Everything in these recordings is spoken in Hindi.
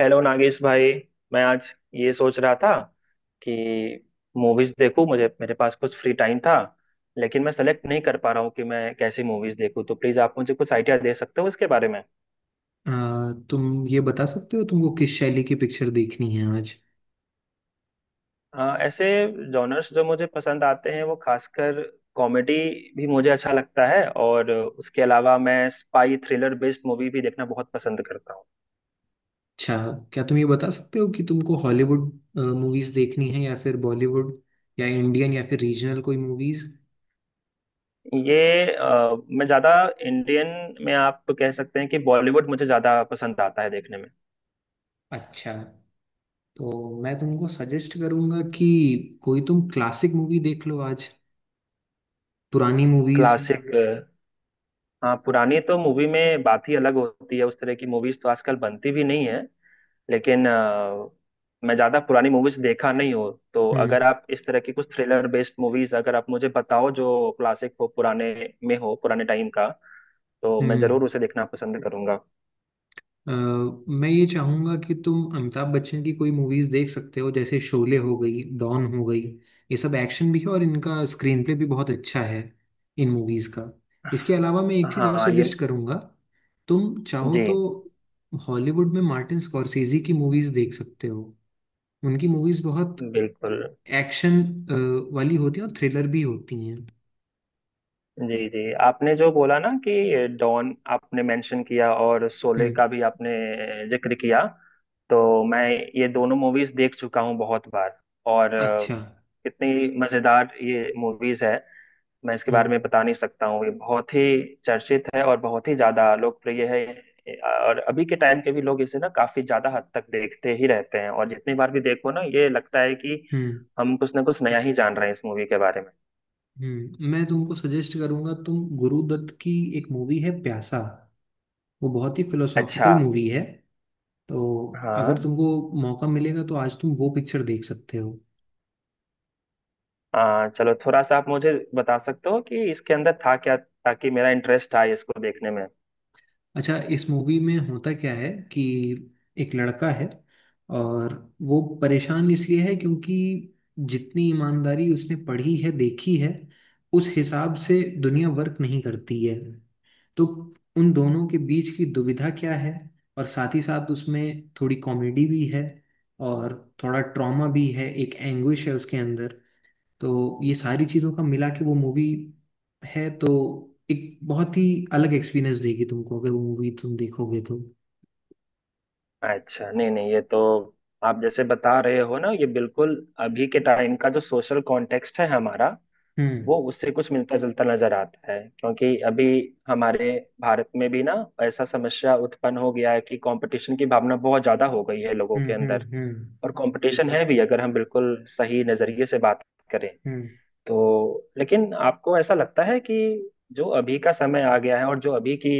हेलो नागेश भाई। मैं आज ये सोच रहा था कि मूवीज देखूं, मुझे मेरे पास कुछ फ्री टाइम था, लेकिन मैं सेलेक्ट नहीं कर पा रहा हूँ कि मैं कैसी मूवीज देखूं। तो प्लीज आप मुझे कुछ आइडिया दे सकते हो इसके बारे में। अ, तुम ये बता सकते हो तुमको किस शैली की पिक्चर देखनी है आज। ऐसे जॉनर्स जो मुझे पसंद आते हैं वो खासकर कॉमेडी भी मुझे अच्छा लगता है, और उसके अलावा मैं स्पाई थ्रिलर बेस्ड मूवी भी देखना बहुत पसंद करता हूँ। अच्छा, क्या तुम ये बता सकते हो कि तुमको हॉलीवुड मूवीज देखनी है या फिर बॉलीवुड या इंडियन या फिर रीजनल कोई मूवीज। ये मैं ज्यादा इंडियन में, आप कह सकते हैं कि बॉलीवुड मुझे ज्यादा पसंद आता है देखने में। अच्छा, तो मैं तुमको सजेस्ट करूंगा कि कोई तुम क्लासिक मूवी देख लो आज, पुरानी मूवीज। क्लासिक, हाँ, पुरानी तो मूवी में बात ही अलग होती है, उस तरह की मूवीज तो आजकल बनती भी नहीं है। लेकिन मैं ज्यादा पुरानी मूवीज देखा नहीं हूँ, तो हम्म। अगर आप इस तरह की कुछ थ्रिलर बेस्ड मूवीज अगर आप मुझे बताओ जो क्लासिक हो, पुराने में हो, पुराने टाइम का, तो मैं हम्म। जरूर उसे देखना पसंद करूंगा। अ, मैं ये चाहूंगा कि तुम अमिताभ बच्चन की कोई मूवीज देख सकते हो जैसे शोले हो गई, डॉन हो गई। ये सब एक्शन भी है और इनका स्क्रीन प्ले भी बहुत अच्छा है इन मूवीज का। इसके अलावा मैं एक चीज और हाँ सजेस्ट ये। करूंगा, तुम चाहो जी। तो हॉलीवुड में मार्टिन स्कॉर्सेजी की मूवीज देख सकते हो। उनकी मूवीज बहुत बिल्कुल। एक्शन वाली होती है और थ्रिलर भी होती हैं। जी जी, आपने जो बोला ना कि डॉन आपने मेंशन किया और शोले हम्म। का भी आपने जिक्र किया, तो मैं ये दोनों मूवीज देख चुका हूँ बहुत बार। और अच्छा। कितनी मजेदार ये मूवीज है, मैं इसके बारे हम्म। में बता नहीं सकता हूँ, ये बहुत ही चर्चित है और बहुत ही ज्यादा लोकप्रिय है। और अभी के टाइम के भी लोग इसे ना काफी ज्यादा हद तक देखते ही रहते हैं, और जितनी बार भी देखो ना ये लगता है कि हम्म। हम कुछ ना कुछ नया ही जान रहे हैं इस मूवी के बारे में। हम्म। मैं तुमको सजेस्ट करूंगा तुम गुरुदत्त की एक मूवी है प्यासा। वो बहुत ही अच्छा। फिलोसॉफिकल मूवी है। तो अगर हाँ। तुमको मौका मिलेगा तो आज तुम वो पिक्चर देख सकते हो। चलो थोड़ा सा आप मुझे बता सकते हो कि इसके अंदर था क्या, ताकि मेरा इंटरेस्ट था इसको देखने में। अच्छा, इस मूवी में होता क्या है कि एक लड़का है और वो परेशान इसलिए है क्योंकि जितनी ईमानदारी उसने पढ़ी है, देखी है, उस हिसाब से दुनिया वर्क नहीं करती है। तो उन दोनों के बीच की दुविधा क्या है। और साथ ही साथ उसमें थोड़ी कॉमेडी भी है और थोड़ा ट्रॉमा भी है, एक एंग्विश है उसके अंदर। तो ये सारी चीज़ों का मिला के वो मूवी है, तो एक बहुत ही अलग एक्सपीरियंस देगी तुमको अगर वो मूवी तुम देखोगे तो। अच्छा, नहीं नहीं, ये तो आप जैसे बता रहे हो ना, ये बिल्कुल अभी के टाइम का जो सोशल कॉन्टेक्स्ट है हमारा, हम्म। वो उससे कुछ मिलता जुलता नजर आता है, क्योंकि अभी हमारे भारत में भी ना ऐसा समस्या उत्पन्न हो गया है कि कंपटीशन की भावना बहुत ज्यादा हो गई है लोगों के हम्म। हम्म। अंदर। हम्म। और कंपटीशन है भी, अगर हम बिल्कुल सही नजरिए से बात करें हम्म। तो। लेकिन आपको ऐसा लगता है कि जो अभी का समय आ गया है और जो अभी की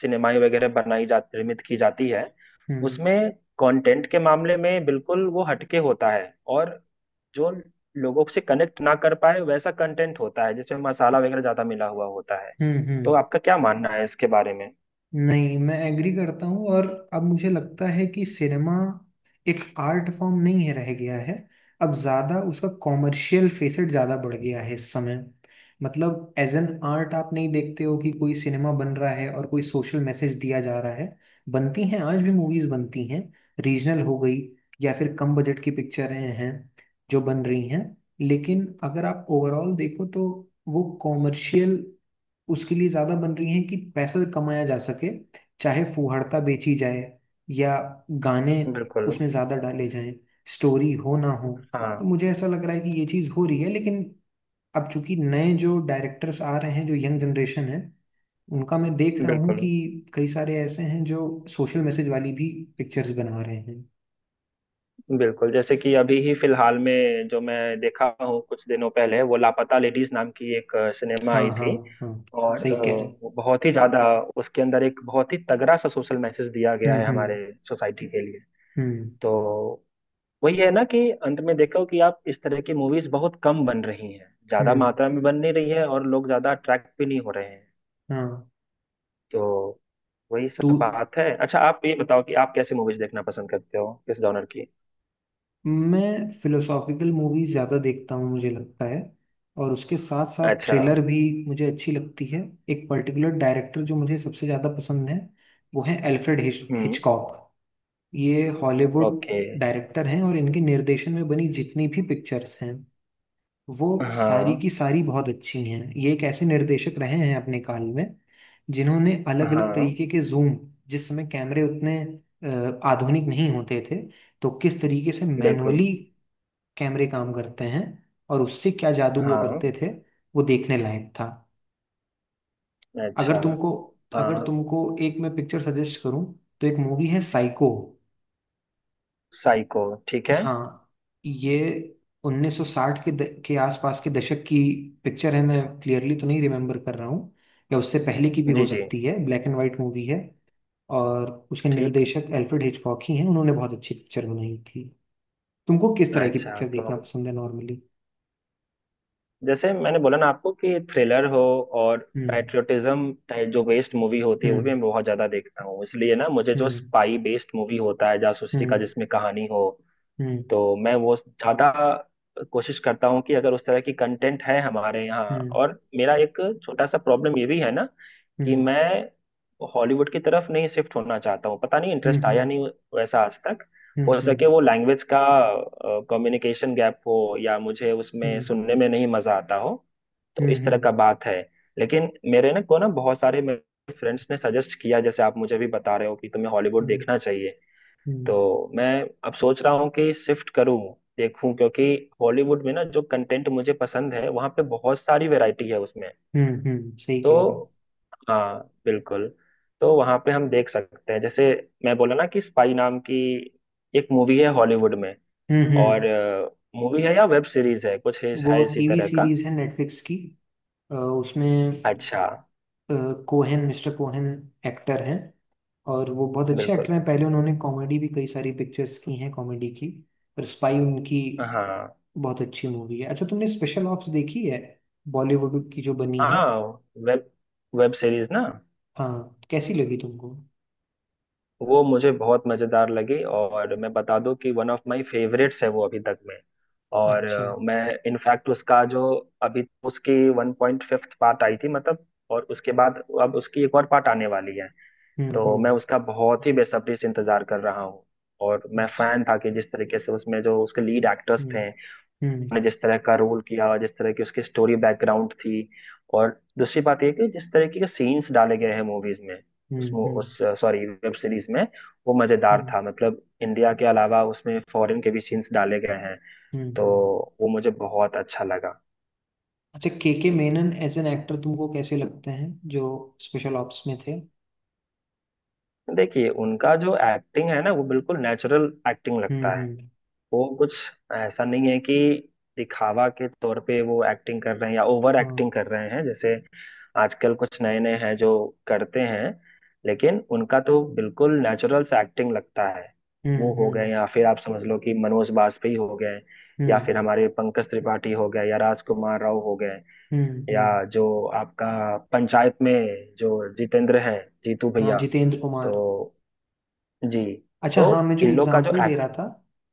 सिनेमाएं वगैरह बनाई जा, निर्मित की जाती है, हम्म। उसमें कंटेंट के मामले में बिल्कुल वो हटके होता है, और जो लोगों से कनेक्ट ना कर पाए वैसा कंटेंट होता है जिसमें मसाला वगैरह ज्यादा मिला हुआ होता है। हम्म। तो हम्म। आपका क्या मानना है इसके बारे में? नहीं, मैं एग्री करता हूँ। और अब मुझे लगता है कि सिनेमा एक आर्ट फॉर्म नहीं है, रह गया है। अब ज़्यादा उसका कॉमर्शियल फेसेट ज़्यादा बढ़ गया है इस समय। मतलब एज एन आर्ट आप नहीं देखते हो कि कोई सिनेमा बन रहा है और कोई सोशल मैसेज दिया जा रहा है। बनती हैं, आज भी मूवीज़ बनती हैं, रीजनल हो गई या फिर कम बजट की पिक्चरें हैं जो बन रही हैं। लेकिन अगर आप ओवरऑल देखो तो वो कॉमर्शियल, उसके लिए ज्यादा बन रही हैं कि पैसा कमाया जा सके, चाहे फुहाड़ता बेची जाए या गाने बिल्कुल। उसमें ज्यादा डाले जाएं, स्टोरी हो ना हो। तो हाँ। मुझे ऐसा लग रहा है कि ये चीज हो रही है। लेकिन अब चूंकि नए जो डायरेक्टर्स आ रहे हैं, जो यंग जनरेशन है, उनका मैं देख रहा हूँ बिल्कुल। कि कई सारे ऐसे हैं जो सोशल मैसेज वाली भी पिक्चर्स बना रहे हैं। बिल्कुल जैसे कि अभी ही फिलहाल में जो मैं देखा हूँ कुछ दिनों पहले, वो लापता लेडीज नाम की एक सिनेमा हाँ। आई हाँ। थी। हाँ, और सही कह रहे। वो बहुत ही ज्यादा, उसके अंदर एक बहुत ही तगड़ा सा सोशल मैसेज दिया गया हम्म। है हम्म। हमारे सोसाइटी के लिए। हम्म। तो वही है ना कि अंत में देखो कि आप इस तरह की मूवीज बहुत कम बन रही हैं, ज्यादा हम्म। मात्रा में बन नहीं रही है, और लोग ज्यादा अट्रैक्ट भी नहीं हो रहे हैं। हाँ। तो वही तू सब बात है। अच्छा, आप ये बताओ कि आप कैसी मूवीज देखना पसंद करते हो, किस जॉनर की? मैं फिलोसॉफिकल मूवीज ज़्यादा देखता हूँ मुझे लगता है। और उसके साथ साथ अच्छा। थ्रिलर भी मुझे अच्छी लगती है। एक पर्टिकुलर डायरेक्टर जो मुझे सबसे ज़्यादा पसंद है वो है एल्फ्रेड हम्म। हिचकॉक। ये हॉलीवुड ओके। डायरेक्टर हैं और इनके निर्देशन में बनी जितनी भी पिक्चर्स हैं वो सारी हाँ की सारी बहुत अच्छी हैं। ये एक ऐसे निर्देशक रहे हैं अपने काल में जिन्होंने अलग अलग हाँ। तरीके के जूम, जिस समय कैमरे उतने आधुनिक नहीं होते थे, तो किस तरीके से बिल्कुल। मैनुअली कैमरे काम करते हैं और उससे क्या जादू वो हाँ। करते थे, वो देखने लायक था। अगर अच्छा। तुमको, अगर हाँ। तुमको एक मैं पिक्चर सजेस्ट करूं तो एक मूवी है साइको। साइको, ठीक है। हाँ। ये 1960 के आसपास के दशक की पिक्चर है, मैं क्लियरली तो नहीं रिमेम्बर कर रहा हूँ, या उससे पहले की भी जी हो जी। सकती है। ब्लैक एंड वाइट मूवी है और उसके ठीक। निर्देशक एल्फ्रेड हिचकॉक ही हैं, उन्होंने बहुत अच्छी पिक्चर बनाई थी। तुमको किस तरह की अच्छा, पिक्चर तो देखना पसंद है नॉर्मली? जैसे मैंने बोला ना आपको कि थ्रिलर हो, और हम्म। पैट्रियोटिज्म टाइप जो बेस्ड मूवी होती है वो भी हम्म। मैं बहुत ज्यादा देखता हूँ, इसलिए ना मुझे जो हम्म। स्पाई बेस्ड मूवी होता है जासूसी का हम्म। जिसमें कहानी हो, हम्म। तो मैं वो ज़्यादा कोशिश करता हूँ कि अगर उस तरह की कंटेंट है हमारे यहाँ। हम्म। और मेरा एक छोटा सा प्रॉब्लम ये भी है ना कि हम्म। मैं हॉलीवुड की तरफ नहीं शिफ्ट होना चाहता हूँ, पता नहीं हम्म। इंटरेस्ट आया हम्म। नहीं वैसा आज तक। हो हम्म। सके वो लैंग्वेज का कम्युनिकेशन गैप हो, या मुझे उसमें हम्म। सुनने में नहीं मजा आता हो, तो हम्म। इस तरह हम्म। का बात है। लेकिन मेरे ना को ना बहुत सारे मेरे फ्रेंड्स ने सजेस्ट किया, जैसे आप मुझे भी बता रहे हो कि तुम्हें हॉलीवुड देखना चाहिए, हम्म। तो मैं अब सोच रहा हूँ कि शिफ्ट करूँ, देखूं, क्योंकि हॉलीवुड में ना जो कंटेंट मुझे पसंद है वहाँ पे बहुत सारी वैरायटी है उसमें। हम्म। सही कह रहे हैं। तो हाँ, बिल्कुल। तो वहाँ पे हम देख सकते हैं, जैसे मैं बोला ना कि स्पाई नाम की एक मूवी है हॉलीवुड में। हम्म। हम्म। और मूवी है या वेब सीरीज है, कुछ है वो है इसी टीवी तरह का। सीरीज है नेटफ्लिक्स की। उसमें अच्छा। अ, कोहेन मिस्टर कोहेन एक्टर हैं और वो बहुत अच्छे एक्टर बिल्कुल। हैं। पहले उन्होंने कॉमेडी भी कई सारी पिक्चर्स की हैं, कॉमेडी की। पर स्पाई उनकी हाँ बहुत अच्छी मूवी है। अच्छा, तुमने स्पेशल ऑप्स देखी है, बॉलीवुड की जो बनी है? हाँ। वेब वेब सीरीज ना। हाँ, कैसी लगी तुमको? वो मुझे बहुत मजेदार लगी, और मैं बता दूं कि वन ऑफ माय फेवरेट्स है वो अभी तक में। और अच्छा। मैं इनफैक्ट उसका जो, अभी उसकी वन पॉइंट फिफ्थ पार्ट आई थी मतलब, और उसके बाद अब उसकी एक और पार्ट आने वाली है, हम्म। तो मैं हम्म। उसका बहुत ही बेसब्री से इंतजार कर रहा हूँ। और मैं अच्छा। फैन था कि जिस तरीके से उसमें जो उसके लीड एक्टर्स हम्म। थे हम्म। ने जिस तरह का रोल किया, और जिस तरह की उसकी स्टोरी बैकग्राउंड थी, और दूसरी बात ये कि जिस तरीके के सीन्स डाले गए हैं मूवीज में, हम्म। हम्म। उस, सॉरी, वेब सीरीज में, वो मजेदार हम्म। था, मतलब इंडिया के अलावा उसमें फॉरेन के भी सीन्स डाले गए हैं, हम्म, तो हम्म। वो मुझे बहुत अच्छा लगा। अच्छा, के मेनन एज एन एक्टर तुमको कैसे लगते हैं जो स्पेशल ऑप्स में थे? देखिए उनका जो एक्टिंग है ना वो बिल्कुल नेचुरल एक्टिंग हम्म। लगता है। हम्म। वो कुछ ऐसा नहीं है कि दिखावा के तौर पे वो एक्टिंग कर रहे हैं या ओवर हाँ। एक्टिंग कर रहे हैं जैसे आजकल कुछ नए नए हैं जो करते हैं, लेकिन उनका तो बिल्कुल नेचुरल से एक्टिंग लगता है। वो हम्म। हो गए, हम्म। या फिर आप समझ लो कि मनोज बाजपेयी हो गए, या फिर हम्म। हमारे पंकज त्रिपाठी हो गए, या राजकुमार राव हो गए, हम्म। या हम्म। जो आपका पंचायत में जो जितेंद्र है, जीतू हाँ, भैया। जितेंद्र तो कुमार। जी, अच्छा, तो हाँ मैं जो इन लोग का जो एग्जांपल दे एक्ट। रहा था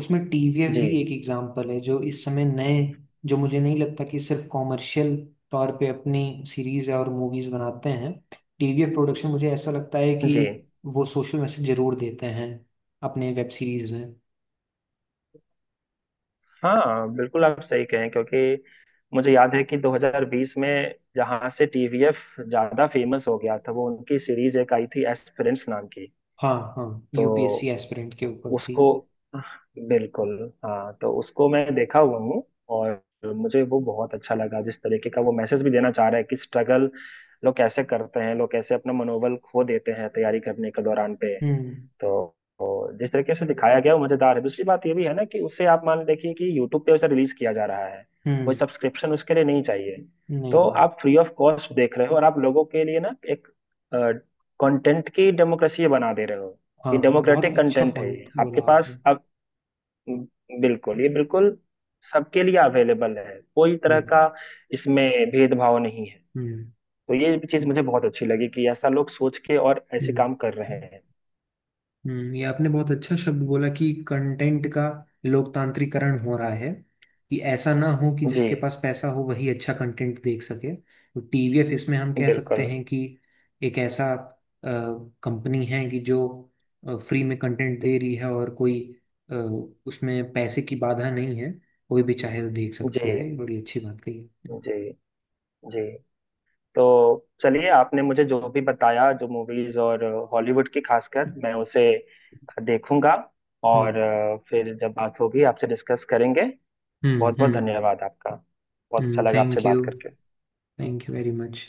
उसमें टीवीएफ जी भी एक एग्जांपल है, जो इस समय नए, जो मुझे नहीं लगता कि सिर्फ कॉमर्शियल तौर पे अपनी सीरीज और मूवीज बनाते हैं। टीवीएफ प्रोडक्शन मुझे ऐसा लगता है कि जी, वो सोशल मैसेज जरूर देते हैं अपने वेब सीरीज में। हाँ बिल्कुल आप सही कहें, क्योंकि मुझे याद है कि 2020 में जहाँ से टीवीएफ ज्यादा फेमस हो गया था, वो उनकी सीरीज एक आई थी, एस्पिरेंट्स नाम की। हाँ हाँ, यूपीएससी तो एस्पिरेंट के ऊपर थी। उसको, बिल्कुल, हाँ, तो उसको मैं देखा हुआ हूँ। और मुझे वो बहुत अच्छा लगा, जिस तरीके का वो मैसेज भी देना चाह रहा है कि स्ट्रगल लोग कैसे करते हैं, लोग कैसे अपना मनोबल खो देते हैं तैयारी करने के दौरान पे। हम्म। तो तो जिस तरीके से दिखाया गया वो मजेदार है। दूसरी बात ये भी है ना कि उसे आप मान देखिए कि यूट्यूब पे उसे रिलीज किया जा रहा है, कोई हम्म। सब्सक्रिप्शन उसके लिए नहीं चाहिए, तो नहीं। आप फ्री ऑफ कॉस्ट देख रहे हो, और आप लोगों के लिए ना एक कंटेंट की डेमोक्रेसी बना दे रहे हो। हाँ ये हाँ, बहुत डेमोक्रेटिक अच्छा कंटेंट है, पॉइंट ये आपके बोला आपने। पास अब, बिल्कुल, ये बिल्कुल सबके लिए अवेलेबल है, कोई तरह हम्म। का इसमें भेदभाव नहीं है। हम्म। तो ये चीज मुझे बहुत अच्छी लगी कि ऐसा लोग सोच के और ऐसे हम्म। काम कर रहे हम्म। हैं। ये आपने बहुत अच्छा शब्द बोला कि कंटेंट का लोकतांत्रिकरण हो रहा है। कि ऐसा ना हो कि जी जिसके पास पैसा हो वही अच्छा कंटेंट देख सके, तो टीवीएफ इसमें हम कह सकते बिल्कुल। हैं कि एक ऐसा कंपनी है कि जो फ्री में कंटेंट दे रही है और कोई अ, उसमें पैसे की बाधा नहीं है, कोई भी चाहे तो देख जी सकता है। ये बड़ी अच्छी बात कही आपने। जी जी। तो चलिए, आपने मुझे जो भी बताया जो मूवीज और हॉलीवुड की खासकर, मैं उसे देखूंगा, और हम्म। फिर जब बात होगी आपसे डिस्कस करेंगे। बहुत बहुत हम्म। धन्यवाद आपका। बहुत अच्छा हम्म, लगा आपसे थैंक यू। बात करके। Thank you very much.